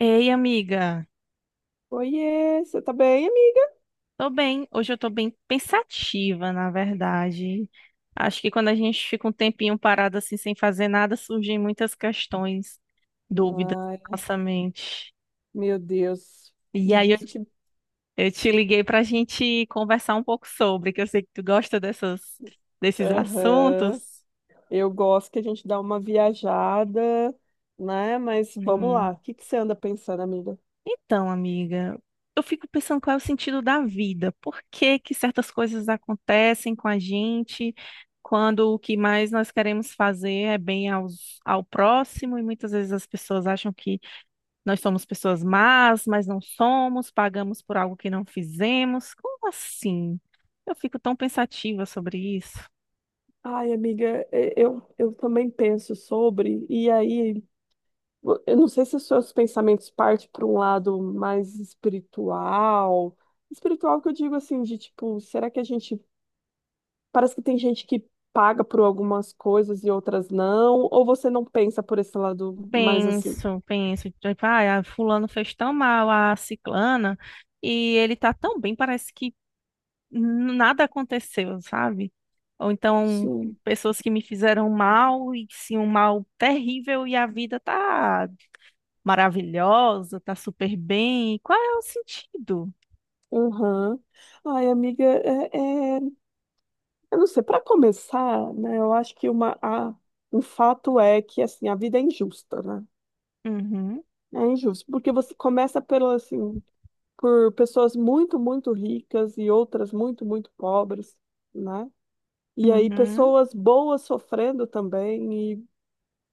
Ei, amiga, Oiê, você tá bem, amiga? tô bem. Hoje eu tô bem pensativa, na verdade. Acho que quando a gente fica um tempinho parado assim, sem fazer nada, surgem muitas questões, dúvidas Ai, na nossa mente. meu Deus. E Me aí eu, diz o te- que. eu te liguei pra gente conversar um pouco sobre, que eu sei que tu gosta desses Aham. assuntos. Eu gosto que a gente dá uma viajada, né? Mas vamos lá. Sim. O que que você anda pensando, amiga? Então, amiga, eu fico pensando qual é o sentido da vida, por que que certas coisas acontecem com a gente, quando o que mais nós queremos fazer é bem aos, ao próximo, e muitas vezes as pessoas acham que nós somos pessoas más, mas não somos, pagamos por algo que não fizemos. Como assim? Eu fico tão pensativa sobre isso. Ai, amiga, eu também penso sobre, e aí, eu não sei se os seus pensamentos partem para um lado mais espiritual. Espiritual que eu digo assim, de tipo, será que a gente parece que tem gente que paga por algumas coisas e outras não, ou você não pensa por esse lado mais assim? Penso, penso, tipo, ah, fulano fez tão mal a ciclana. E ele tá tão bem, parece que nada aconteceu, sabe? Ou então Sim. pessoas que me fizeram mal e sim um mal terrível e a vida tá maravilhosa, tá super bem. Qual é o sentido? Aham. Ai, amiga, eu não sei, para começar, né, eu acho que uma, a, um fato é que, assim, a vida é injusta, né? Uhum, É injusto, porque você começa pelo, assim, por pessoas muito, muito ricas e outras muito, muito pobres, né? E aí uhum, pessoas boas sofrendo também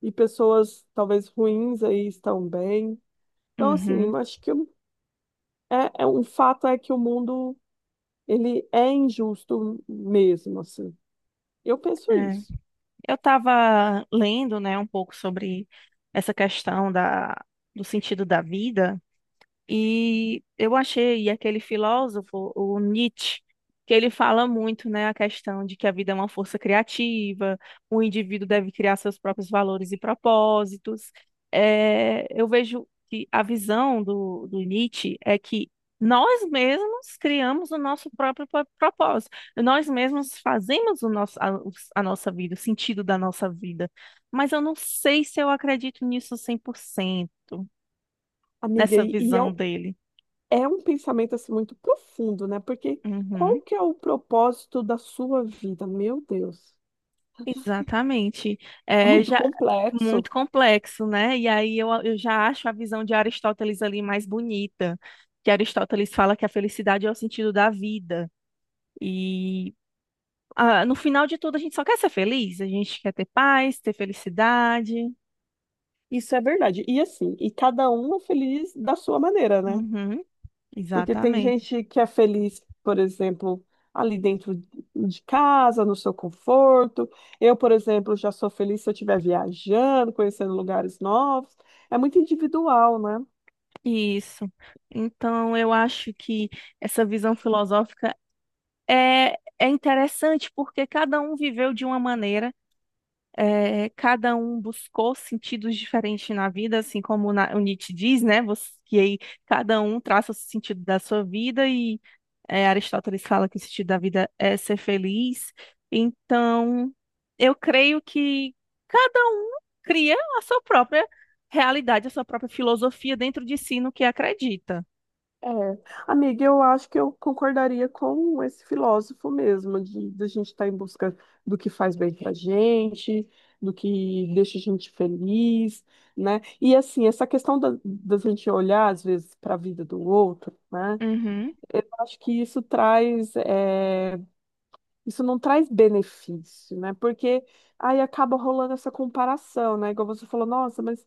e pessoas talvez ruins aí estão bem. Então, assim, uhum. eu acho que é um fato é que o mundo ele é injusto mesmo, assim. Eu penso É. isso, Eu estava lendo, né, um pouco sobre essa questão da, do sentido da vida. E eu achei e aquele filósofo, o Nietzsche, que ele fala muito, né, a questão de que a vida é uma força criativa, o indivíduo deve criar seus próprios valores e propósitos. É, eu vejo que a visão do, do Nietzsche é que nós mesmos criamos o nosso próprio propósito, nós mesmos fazemos o nosso, a, os- a nossa vida, o sentido da nossa vida. Mas eu não sei se eu acredito nisso 100% amiga, nessa visão dele. é um pensamento assim muito profundo, né? Porque qual Uhum, que é o propósito da sua vida? Meu Deus, exatamente. é É muito já complexo. muito complexo, né? E aí eu já acho a visão de Aristóteles ali mais bonita, que Aristóteles fala que a felicidade é o sentido da vida. E ah, no final de tudo, a gente só quer ser feliz, a gente quer ter paz, ter felicidade. Isso é verdade. E assim, e cada um é feliz da sua maneira, né? Uhum, Porque tem exatamente. gente que é feliz, por exemplo, ali dentro de casa, no seu conforto. Eu, por exemplo, já sou feliz se eu estiver viajando, conhecendo lugares novos. É muito individual, né? Isso. Então, eu acho que essa visão filosófica é, é interessante porque cada um viveu de uma maneira. É, cada um buscou sentidos diferentes na vida, assim como o Nietzsche diz, né? Você, que aí cada um traça o sentido da sua vida e é, Aristóteles fala que o sentido da vida é ser feliz. Então, eu creio que cada um cria a sua própria realidade, a sua própria filosofia dentro de si no que acredita. É. Amiga, eu acho que eu concordaria com esse filósofo mesmo, de a gente estar em busca do que faz bem pra gente, do que deixa a gente feliz, né? E assim, essa questão da, da gente olhar, às vezes, para a vida do outro, né? Uhum, Eu acho que isso traz, isso não traz benefício, né? Porque aí acaba rolando essa comparação, né? Igual você falou, nossa, mas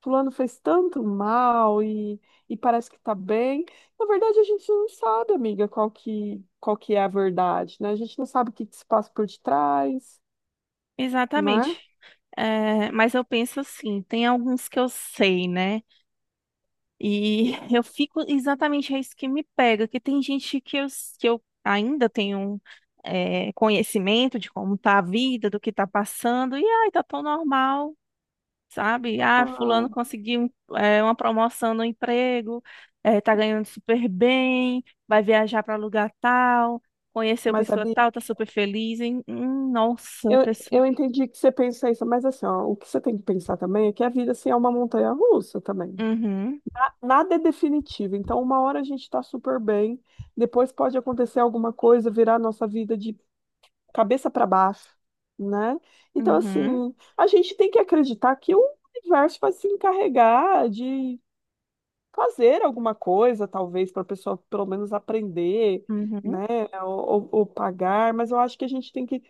fulano fez tanto mal e parece que tá bem. Na verdade, a gente não sabe, amiga, qual que é a verdade, né? A gente não sabe o que que se passa por detrás, né? exatamente. É, mas eu penso assim, tem alguns que eu sei, né? E eu fico exatamente é isso que me pega, que tem gente que eu ainda tenho é, conhecimento de como tá a vida, do que tá passando, e ai, tá tão normal. Sabe? Ah, Ah, fulano conseguiu uma promoção no emprego, é, tá ganhando super bem, vai viajar para lugar tal, conheceu mas, pessoa Abi, tal, tá super feliz, hein? Nossa, eu, pessoa. eu entendi que você pensa isso, mas assim, ó, o que você tem que pensar também é que a vida, assim, é uma montanha-russa também. Uhum, Nada é definitivo. Então, uma hora a gente está super bem, depois pode acontecer alguma coisa, virar a nossa vida de cabeça para baixo, né? Então, uhum, assim, a gente tem que acreditar que o universo vai se encarregar de fazer alguma coisa, talvez, para a pessoa pelo menos aprender, uhum, né? Ou pagar, mas eu acho que a gente tem que.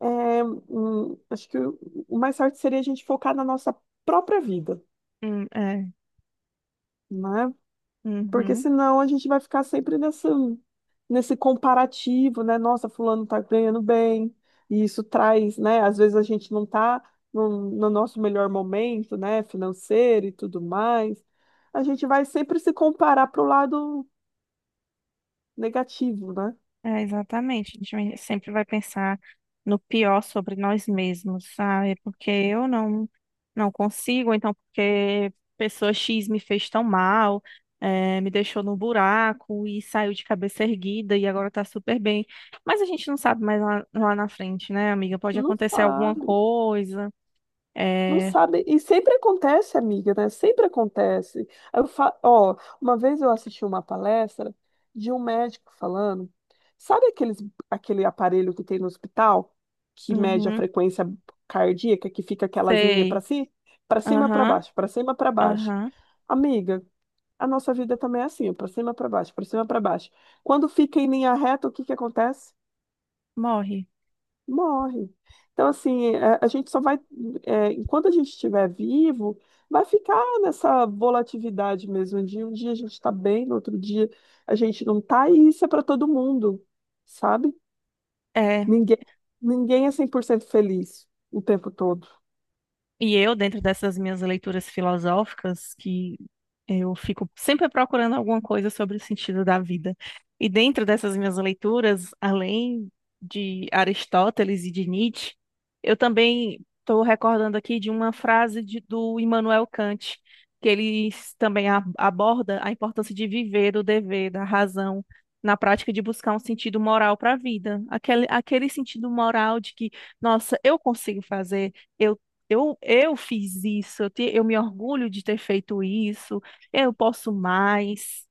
É, acho que o mais certo seria a gente focar na nossa própria vida. É, Né? Porque uhum. senão a gente vai ficar sempre nessa, nesse comparativo, né? Nossa, fulano tá ganhando bem, e isso traz, né? Às vezes a gente não tá no, no nosso melhor momento, né? Financeiro e tudo mais. A gente vai sempre se comparar pro lado negativo, né? É, exatamente. A gente sempre vai pensar no pior sobre nós mesmos, sabe? Porque eu não consigo, ou então porque pessoa X me fez tão mal, é, me deixou no buraco e saiu de cabeça erguida e agora tá super bem. Mas a gente não sabe mais lá, lá na frente, né, amiga? Pode Não acontecer alguma faz. coisa. Não É, sabe. E sempre acontece, amiga, né? Sempre acontece. Aí Ó, uma vez eu assisti uma palestra de um médico falando, sabe aqueles, aquele aparelho que tem no hospital que mede a uhum, frequência cardíaca, que fica aquelas linhas para sei. si, para cima, para Aham, baixo, para cima, para baixo. aham, Amiga, a nossa vida também é assim, para cima, para baixo, para cima, para baixo. Quando fica em linha reta, o que que acontece? morre. Morre. Então, assim, a gente só vai, é, enquanto a gente estiver vivo, vai ficar nessa volatilidade mesmo. De um dia a gente está bem, no outro dia a gente não está e isso é para todo mundo, sabe? É. Ninguém, ninguém é 100% feliz o tempo todo. E eu, dentro dessas minhas leituras filosóficas, que eu fico sempre procurando alguma coisa sobre o sentido da vida. E dentro dessas minhas leituras, além de Aristóteles e de Nietzsche, eu também estou recordando aqui de uma frase do Immanuel Kant, que ele também aborda a importância de viver o dever, da razão, na prática de buscar um sentido moral para a vida. Aquele, aquele sentido moral de que, nossa, eu consigo fazer, eu, eu fiz isso, eu me orgulho de ter feito isso eu posso mais,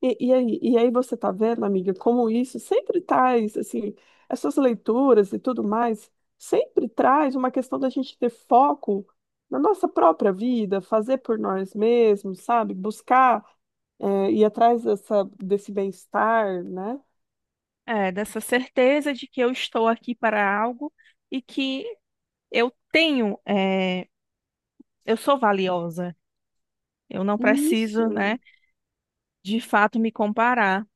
E aí você tá vendo, amiga, como isso sempre traz, assim, essas leituras e tudo mais, sempre traz uma questão da gente ter foco na nossa própria vida, fazer por nós mesmos, sabe? Buscar, ir atrás dessa, desse bem-estar, né? é, dessa certeza de que eu estou aqui para algo e que eu tenho, é, eu sou valiosa. Eu não preciso, né, Isso, de fato me comparar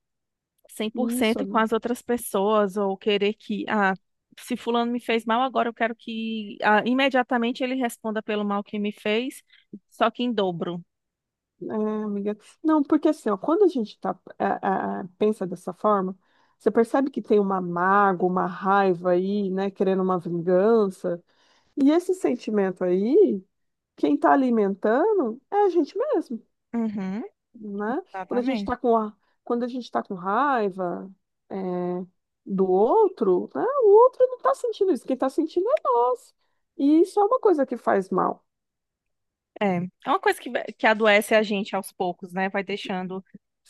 cem por isso, cento com ami- as outras pessoas ou querer que, ah, se fulano me fez mal, agora eu quero que, ah, imediatamente ele responda pelo mal que me fez, só que em dobro. é, amiga. Não, porque assim, ó, quando a gente tá, pensa dessa forma, você percebe que tem uma mágoa, uma raiva aí, né, querendo uma vingança, e esse sentimento aí, quem está alimentando é a gente mesmo, Uhum, né? Quando a gente está exatamente. com, a- quando a gente tá com raiva, é, do outro, né? O outro não está sentindo isso, quem está sentindo é nós. E isso é uma coisa que faz mal. É, é uma coisa que adoece a gente aos poucos, né? Vai deixando.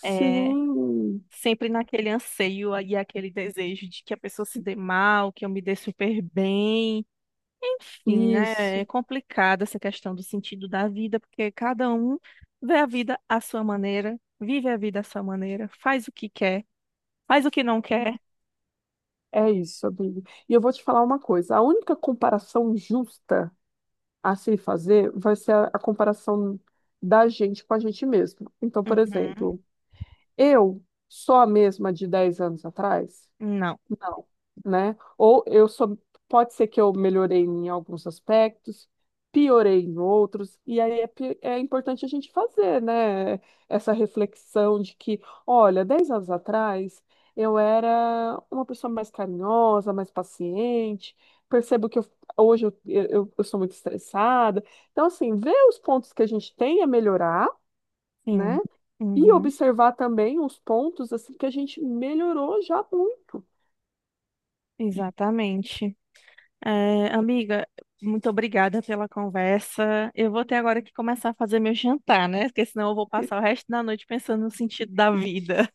É, Sim, sempre naquele anseio e aquele desejo de que a pessoa se dê mal, que eu me dê super bem. Enfim, né? É isso, complicada essa questão do sentido da vida, porque cada um vê a vida à sua maneira, vive a vida à sua maneira, faz o que quer, faz o que não quer. é isso, amigo. E eu vou te falar uma coisa: a única comparação justa a se fazer vai ser a comparação da gente com a gente mesmo. Então, por Uhum. exemplo. Eu sou a mesma de 10 anos atrás? Não. Não, né? Ou eu sou, pode ser que eu melhorei em alguns aspectos, piorei em outros, e aí é importante a gente fazer, né? Essa reflexão de que, olha, 10 anos atrás eu era uma pessoa mais carinhosa, mais paciente, percebo que hoje eu sou muito estressada. Então, assim, ver os pontos que a gente tem a melhorar, né? Sim. E Uhum. observar também os pontos assim que a gente melhorou já muito. Exatamente. É, amiga, muito obrigada pela conversa. Eu vou ter agora que começar a fazer meu jantar, né? Porque senão eu vou passar o resto da noite pensando no sentido da vida.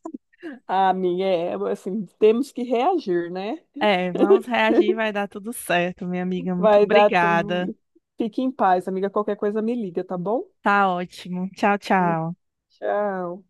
A minha é assim, temos que reagir, né? É, vamos reagir, vai dar tudo certo, minha amiga. Muito Vai dar obrigada. tudo. Fique em paz, amiga. Qualquer coisa me liga, tá bom? Tá ótimo. Tchau, tchau. Tchau.